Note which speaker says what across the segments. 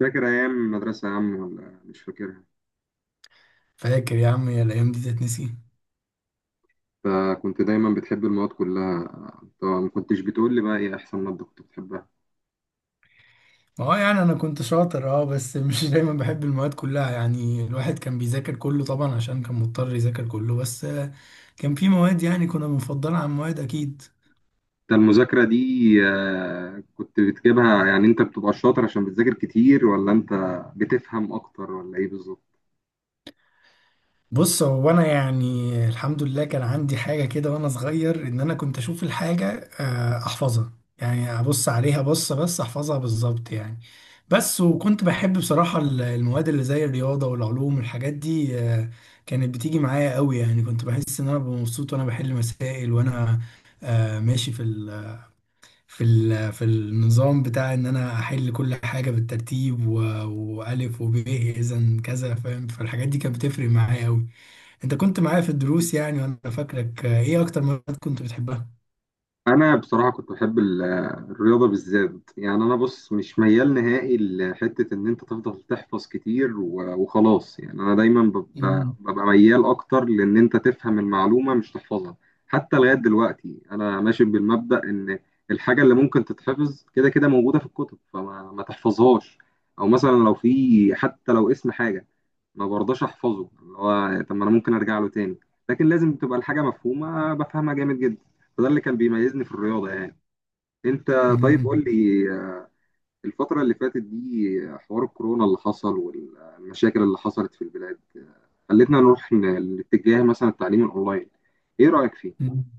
Speaker 1: فاكر أيام المدرسة يا عم ولا مش فاكرها؟
Speaker 2: فاكر يا عم، يا الايام دي تتنسي.
Speaker 1: أنت كنت دايما بتحب المواد كلها. طبعا ما كنتش بتقول لي بقى إيه أحسن مادة كنت بتحبها؟
Speaker 2: ما هو يعني انا كنت شاطر بس مش دايما بحب المواد كلها. يعني الواحد كان بيذاكر كله طبعا عشان كان مضطر يذاكر كله بس آه، كان في مواد يعني كنا بنفضلها عن مواد اكيد.
Speaker 1: أنت المذاكرة دي كنت بتجيبها، يعني أنت بتبقى شاطر عشان بتذاكر كتير، ولا أنت بتفهم أكتر ولا إيه بالظبط؟
Speaker 2: بص، هو انا يعني الحمد لله كان عندي حاجه كده وانا صغير، ان انا كنت اشوف الحاجه, احفظها. يعني ابص عليها بصه بس احفظها بالظبط يعني. بس وكنت بحب بصراحه المواد اللي زي الرياضه والعلوم والحاجات دي. كانت بتيجي معايا قوي، يعني كنت بحس ان انا ببقى مبسوط وانا بحل مسائل وانا ماشي في النظام بتاع ان انا احل كل حاجه بالترتيب والف وب اذا كذا، فاهم، فالحاجات دي كانت بتفرق معايا قوي. انت كنت معايا في الدروس يعني، وانا فاكرك. ايه اكتر مواد كنت بتحبها؟
Speaker 1: انا بصراحه كنت بحب الرياضه بالذات. يعني انا بص، مش ميال نهائي لحته ان انت تفضل تحفظ كتير وخلاص، يعني انا دايما ببقى
Speaker 2: مم.
Speaker 1: ميال اكتر لان انت تفهم المعلومه مش تحفظها. حتى لغايه دلوقتي انا ماشي بالمبدا ان الحاجه اللي ممكن تتحفظ كده كده موجوده في الكتب، فما ما تحفظهاش، او مثلا لو في، حتى لو اسم حاجه، ما برضاش احفظه، اللي هو طب ما انا ممكن ارجع له تاني. لكن لازم تبقى الحاجه مفهومه، بفهمها جامد جدا. فده اللي كان بيميزني في الرياضة، يعني. انت طيب قول لي، آه، الفترة اللي فاتت دي، حوار الكورونا اللي حصل والمشاكل اللي حصلت في البلاد، خلتنا نروح لاتجاه مثلا التعليم الاونلاين. ايه رأيك فيه؟
Speaker 2: امم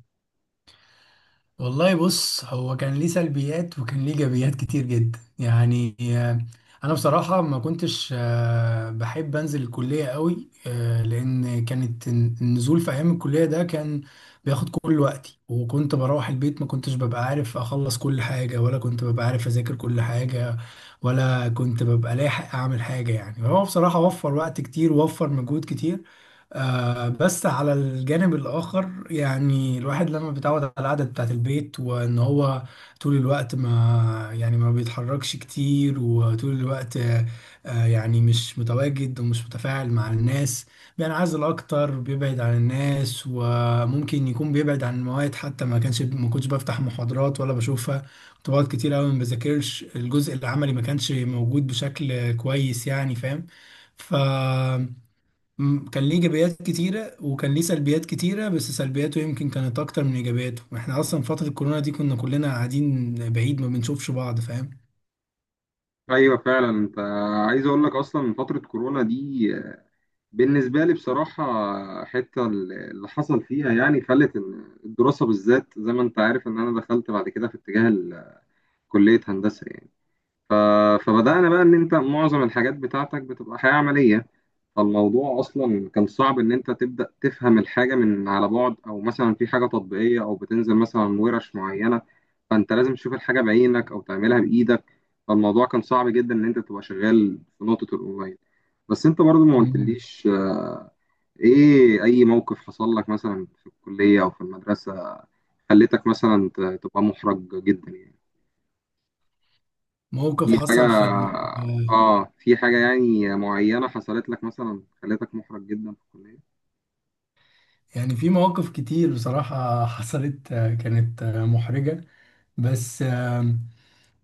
Speaker 2: والله بص، هو كان ليه سلبيات وكان ليه ايجابيات كتير جدا يعني. انا بصراحه ما كنتش بحب انزل الكليه قوي. لان كانت النزول في ايام الكليه ده كان بياخد كل وقتي، وكنت بروح البيت ما كنتش ببقى عارف اخلص كل حاجه، ولا كنت ببقى عارف اذاكر كل حاجه، ولا كنت ببقى لاحق اعمل حاجه. يعني هو بصراحه وفر وقت كتير ووفر مجهود كتير. بس على الجانب الآخر، يعني الواحد لما بيتعود على القعدة بتاعت البيت وإن هو طول الوقت ما بيتحركش كتير، وطول الوقت يعني مش متواجد ومش متفاعل مع الناس، بينعزل أكتر، بيبعد عن الناس، وممكن يكون بيبعد عن المواد حتى. ما كنتش بفتح محاضرات ولا بشوفها، كنت بقعد كتير أوي ما بذاكرش، الجزء العملي ما كانش موجود بشكل كويس، يعني فاهم. ف كان ليه ايجابيات كتيره وكان ليه سلبيات كتيره، بس سلبياته يمكن كانت اكتر من ايجابياته، واحنا اصلا فتره الكورونا دي كنا كلنا قاعدين بعيد ما بنشوفش بعض، فاهم.
Speaker 1: ايوه فعلا. انت عايز اقول لك، اصلا من فترة كورونا دي، بالنسبة لي بصراحة، حتة اللي حصل فيها يعني خلت إن الدراسة بالذات، زي ما انت عارف ان انا دخلت بعد كده في اتجاه كلية هندسة يعني. ف- فبدأنا بقى إن أنت معظم الحاجات بتاعتك بتبقى حياة عملية. فالموضوع أصلا كان صعب إن أنت تبدأ تفهم الحاجة من على بعد، أو مثلا في حاجة تطبيقية، أو بتنزل مثلا ورش معينة. فأنت لازم تشوف الحاجة بعينك أو تعملها بإيدك. فالموضوع كان صعب جدا إن أنت تبقى شغال في نقطة الأونلاين. بس أنت برضو ما
Speaker 2: مم.
Speaker 1: قلتليش، إيه أي موقف حصل لك مثلا في الكلية أو في المدرسة خلتك مثلا تبقى محرج جدا يعني.
Speaker 2: موقف
Speaker 1: في حاجة،
Speaker 2: حصل في ال... آه،
Speaker 1: اه، في حاجة يعني معينة حصلت لك مثلا خلتك محرج جدا في الكلية؟
Speaker 2: يعني في مواقف كتير بصراحه حصلت كانت محرجه. بس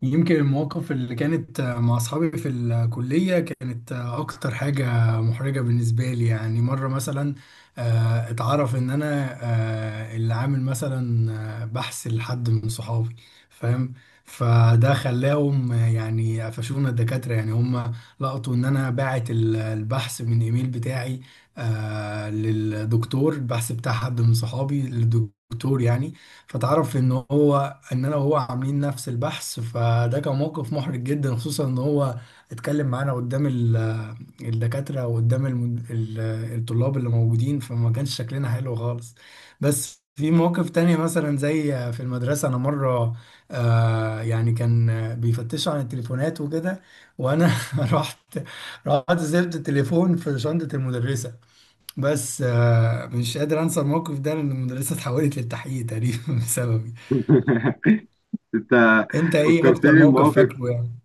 Speaker 2: يمكن المواقف اللي كانت مع أصحابي في الكلية كانت أكتر حاجة محرجة بالنسبة لي. يعني مرة مثلا اتعرف إن أنا اللي عامل مثلا بحث لحد من صحابي، فاهم، فده خلاهم يعني قفشونا الدكاترة. يعني هم لقطوا إن أنا باعت البحث من إيميل بتاعي للدكتور، البحث بتاع حد من صحابي للدكتور يعني. فتعرف ان هو ان انا وهو عاملين نفس البحث، فده كان موقف محرج جدا، خصوصا ان هو اتكلم معانا قدام الدكاترة، وقدام الطلاب اللي موجودين، فما كانش شكلنا حلو خالص. بس في مواقف تانية مثلا زي في المدرسة، أنا مرة كان بيفتشوا عن التليفونات وكده، وأنا رحت رحت سبت التليفون في شنطة المدرسة. بس آه، مش قادر أنسى الموقف ده لأن المدرسة اتحولت للتحقيق تقريبا بسببي.
Speaker 1: انت
Speaker 2: انت ايه اكتر
Speaker 1: فكرتني
Speaker 2: موقف
Speaker 1: بمواقف.
Speaker 2: فاكره يعني؟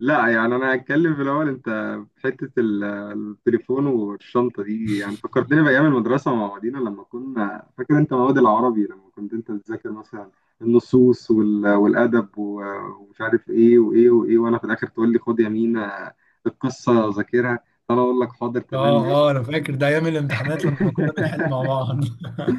Speaker 1: لا يعني انا هتكلم في الاول. انت في حتة التليفون والشنطة دي يعني فكرتني بأيام المدرسة مع بعضينا لما كنا، فاكر انت مواد العربي لما كنت انت بتذاكر مثلا النصوص والأدب ومش عارف ايه وايه وايه، وانا في الآخر تقول لي خد يا مينا القصة ذاكرها، فانا اقول لك حاضر تمام
Speaker 2: اه،
Speaker 1: ماشي.
Speaker 2: اه، انا فاكر ده ايام الامتحانات لما كنا بنحل مع بعض.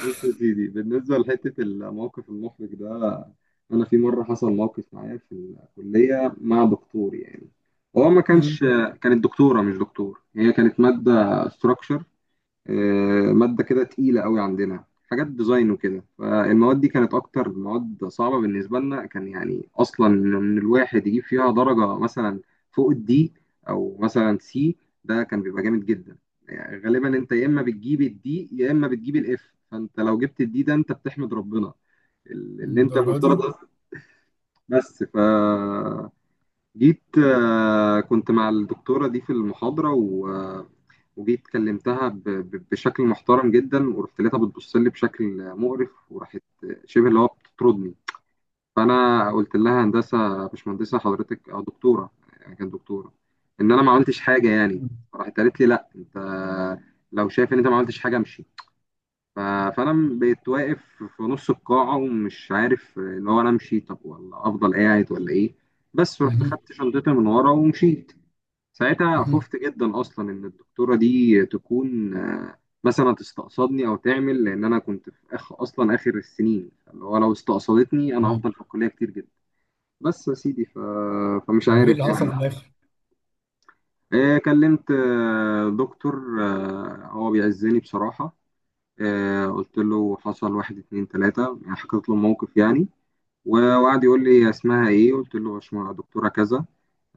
Speaker 1: بص يا سيدي، بالنسبة لحتة الموقف المحرج ده، أنا في مرة حصل موقف معايا في الكلية مع دكتور يعني. هو ما كانش
Speaker 2: امم
Speaker 1: كانت دكتورة مش دكتور. هي كانت مادة ستراكشر، ماده كده تقيله قوي عندنا، حاجات ديزاين وكده. فالمواد دي كانت اكتر مواد صعبه بالنسبه لنا، كان يعني اصلا ان الواحد يجيب فيها درجه مثلا فوق الدي، او مثلا سي، ده كان بيبقى جامد جدا. يعني غالبا انت يا اما بتجيب الدي يا اما بتجيب الاف، فانت لو جبت الدي ده انت بتحمد ربنا اللي انت
Speaker 2: الدرجه
Speaker 1: المفترض
Speaker 2: دي.
Speaker 1: أصلاً. بس جيت، كنت مع الدكتورة دي في المحاضرة و... آه، وجيت كلمتها بشكل محترم جدا، ورحت لقيتها بتبص لي بشكل مقرف، وراحت شبه اللي هو بتطردني. فأنا قلت لها هندسة يا باشمهندسة حضرتك أو دكتورة، يعني كانت دكتورة، إن أنا ما عملتش حاجة يعني. راحت قالت لي لا أنت لو شايف إن أنت ما عملتش حاجة امشي. ف- فانا بقيت واقف في نص القاعه ومش عارف اللي هو انا امشي طب ولا افضل قاعد ولا ايه. بس رحت
Speaker 2: مهم.
Speaker 1: خدت شنطتي من ورا ومشيت. ساعتها
Speaker 2: مهم.
Speaker 1: خفت جدا اصلا ان الدكتوره دي تكون، مثلا تستقصدني او تعمل، لان انا كنت في اخ اصلا اخر السنين، اللي هو لو استقصدتني انا
Speaker 2: آه.
Speaker 1: هفضل في الكليه كتير جدا. بس يا سيدي فمش
Speaker 2: طب وايه اللي
Speaker 1: عارف
Speaker 2: حصل
Speaker 1: يعني.
Speaker 2: في الاخر؟
Speaker 1: كلمت دكتور، هو بيعزني بصراحه، قلت له حصل واحد اتنين تلاتة، يعني حكيت له الموقف يعني. وقعد يقول لي اسمها ايه، قلت له باشمهندس دكتورة كذا.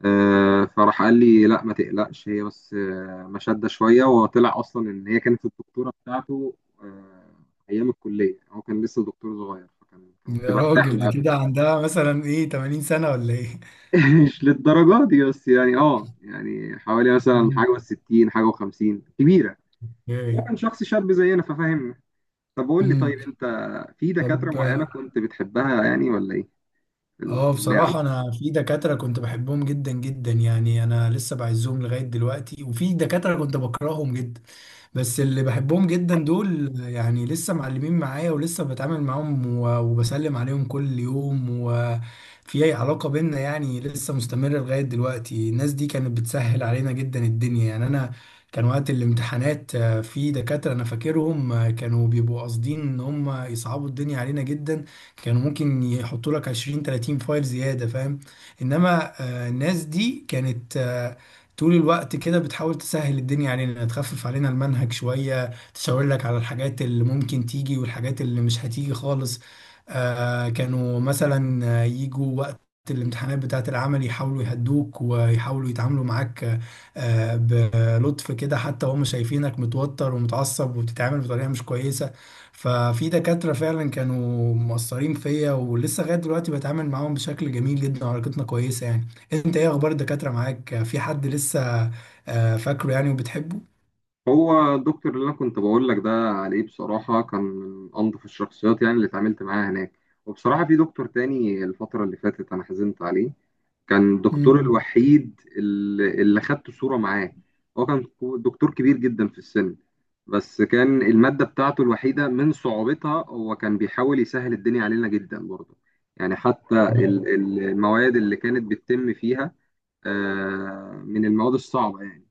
Speaker 1: فراح قال لي لا ما تقلقش، هي بس مشدة شوية، وطلع اصلا ان هي كانت الدكتورة بتاعته آه، ايام الكلية. هو كان لسه دكتور صغير فكان كنت
Speaker 2: يا
Speaker 1: برتاح
Speaker 2: راجل،
Speaker 1: له
Speaker 2: دي
Speaker 1: قبل.
Speaker 2: كده عندها مثلا ايه، 80 سنه ولا ايه؟
Speaker 1: مش للدرجة دي، بس يعني اه، يعني حوالي مثلا
Speaker 2: امم
Speaker 1: حاجة و60 حاجة و50، كبيرة. هو
Speaker 2: ايه
Speaker 1: كان شخص شاب زينا ففاهم. طب قول لي،
Speaker 2: امم
Speaker 1: طيب انت في دكاترة
Speaker 2: طب،
Speaker 1: معينة كنت بتحبها يعني ولا ايه، في
Speaker 2: اه،
Speaker 1: الكلية؟
Speaker 2: بصراحة أنا في دكاترة كنت بحبهم جدا جدا، يعني أنا لسه بعزهم لغاية دلوقتي، وفي دكاترة كنت بكرههم جدا. بس اللي بحبهم جدا دول يعني لسه معلمين معايا ولسه بتعامل معاهم وبسلم عليهم كل يوم، وفي أي علاقة بينا يعني لسه مستمرة لغاية دلوقتي. الناس دي كانت بتسهل علينا جدا الدنيا، يعني أنا كان وقت الامتحانات, في دكاترة أنا فاكرهم, كانوا بيبقوا قاصدين إن هم يصعبوا الدنيا علينا جدا. كانوا ممكن يحطوا لك 20 30 فايل زيادة، فاهم. انما الناس دي كانت طول الوقت كده بتحاول تسهل الدنيا علينا، تخفف علينا المنهج شوية، تشاور لك على الحاجات اللي ممكن تيجي والحاجات اللي مش هتيجي خالص. كانوا مثلا يجوا وقت الامتحانات بتاعة العمل يحاولوا يهدوك ويحاولوا يتعاملوا معاك بلطف كده، حتى وهم شايفينك متوتر ومتعصب وبتتعامل بطريقة مش كويسة. ففي دكاترة فعلا كانوا مؤثرين فيا، ولسه لغاية دلوقتي بتعامل معاهم بشكل جميل جدا وعلاقتنا كويسة يعني. انت ايه اخبار الدكاترة معاك، في حد لسه فاكره يعني وبتحبه؟
Speaker 1: هو الدكتور اللي انا كنت بقول لك ده عليه بصراحه كان من انظف الشخصيات يعني اللي اتعاملت معاها هناك. وبصراحه في دكتور تاني الفتره اللي فاتت انا حزنت عليه، كان الدكتور
Speaker 2: مم.
Speaker 1: الوحيد اللي خدت صوره معاه. هو كان دكتور كبير جدا في السن. بس كان الماده بتاعته الوحيده من صعوبتها، هو كان بيحاول يسهل الدنيا علينا جدا برضه. يعني حتى المواد اللي كانت بتتم فيها، من المواد الصعبه يعني.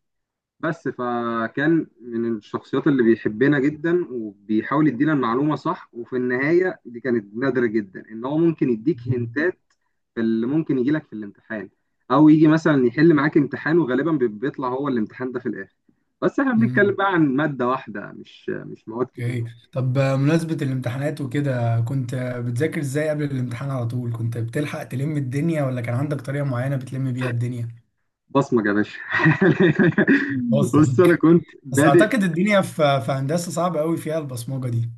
Speaker 1: بس فكان من الشخصيات اللي بيحبنا جدا وبيحاول يدينا المعلومة صح. وفي النهاية دي كانت نادرة جدا ان هو ممكن يديك هنتات في اللي ممكن يجي لك في الامتحان، او يجي مثلا يحل معاك امتحان وغالبا بيطلع هو الامتحان ده في الاخر. بس احنا بنتكلم
Speaker 2: مم.
Speaker 1: بقى عن مادة واحدة، مش مواد
Speaker 2: اوكي.
Speaker 1: كتير.
Speaker 2: طب, مناسبة الامتحانات وكده، كنت بتذاكر ازاي قبل الامتحان؟ على طول كنت بتلحق تلم الدنيا، ولا كان عندك طريقة معينة بتلم بيها الدنيا؟
Speaker 1: بصمج يا باشا. بص انا
Speaker 2: بصمك.
Speaker 1: كنت
Speaker 2: بس
Speaker 1: بادئ.
Speaker 2: اعتقد الدنيا في هندسة صعبة قوي فيها البصمجة دي.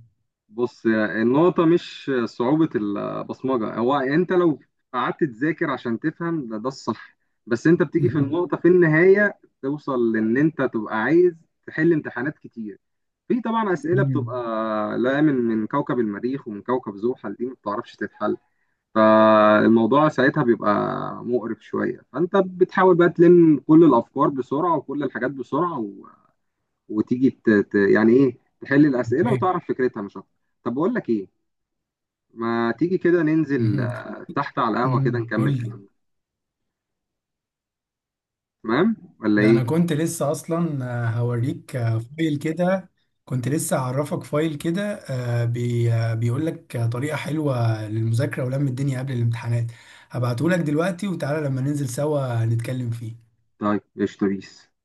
Speaker 1: بص النقطة مش صعوبة البصمجة، هو أنت لو قعدت تذاكر عشان تفهم، ده الصح. بس أنت بتيجي في
Speaker 2: مم.
Speaker 1: النقطة في النهاية، توصل لأن أنت تبقى عايز تحل امتحانات كتير. في طبعا أسئلة
Speaker 2: مم.
Speaker 1: بتبقى لا، من كوكب المريخ ومن كوكب زحل، دي ما بتعرفش تتحل. فالموضوع ساعتها بيبقى مقرف شوية، فأنت بتحاول بقى تلم كل الأفكار بسرعة وكل الحاجات بسرعة وتيجي يعني إيه تحل الأسئلة وتعرف فكرتها مش أكتر. طب بقول لك إيه، ما تيجي كده ننزل
Speaker 2: مهم.
Speaker 1: تحت على القهوة كده
Speaker 2: قول
Speaker 1: نكمل
Speaker 2: لي.
Speaker 1: كلامنا، تمام ولا
Speaker 2: ده
Speaker 1: ايه؟
Speaker 2: انا كنت لسه اصلا هوريك فايل كده، كنت لسه هعرفك فايل كده. آه، بي آه، بيقول لك طريقة حلوة للمذاكرة ولم الدنيا قبل الامتحانات. هبعته لك دلوقتي، وتعالى لما ننزل سوا نتكلم فيه.
Speaker 1: طيب قشطة بيس.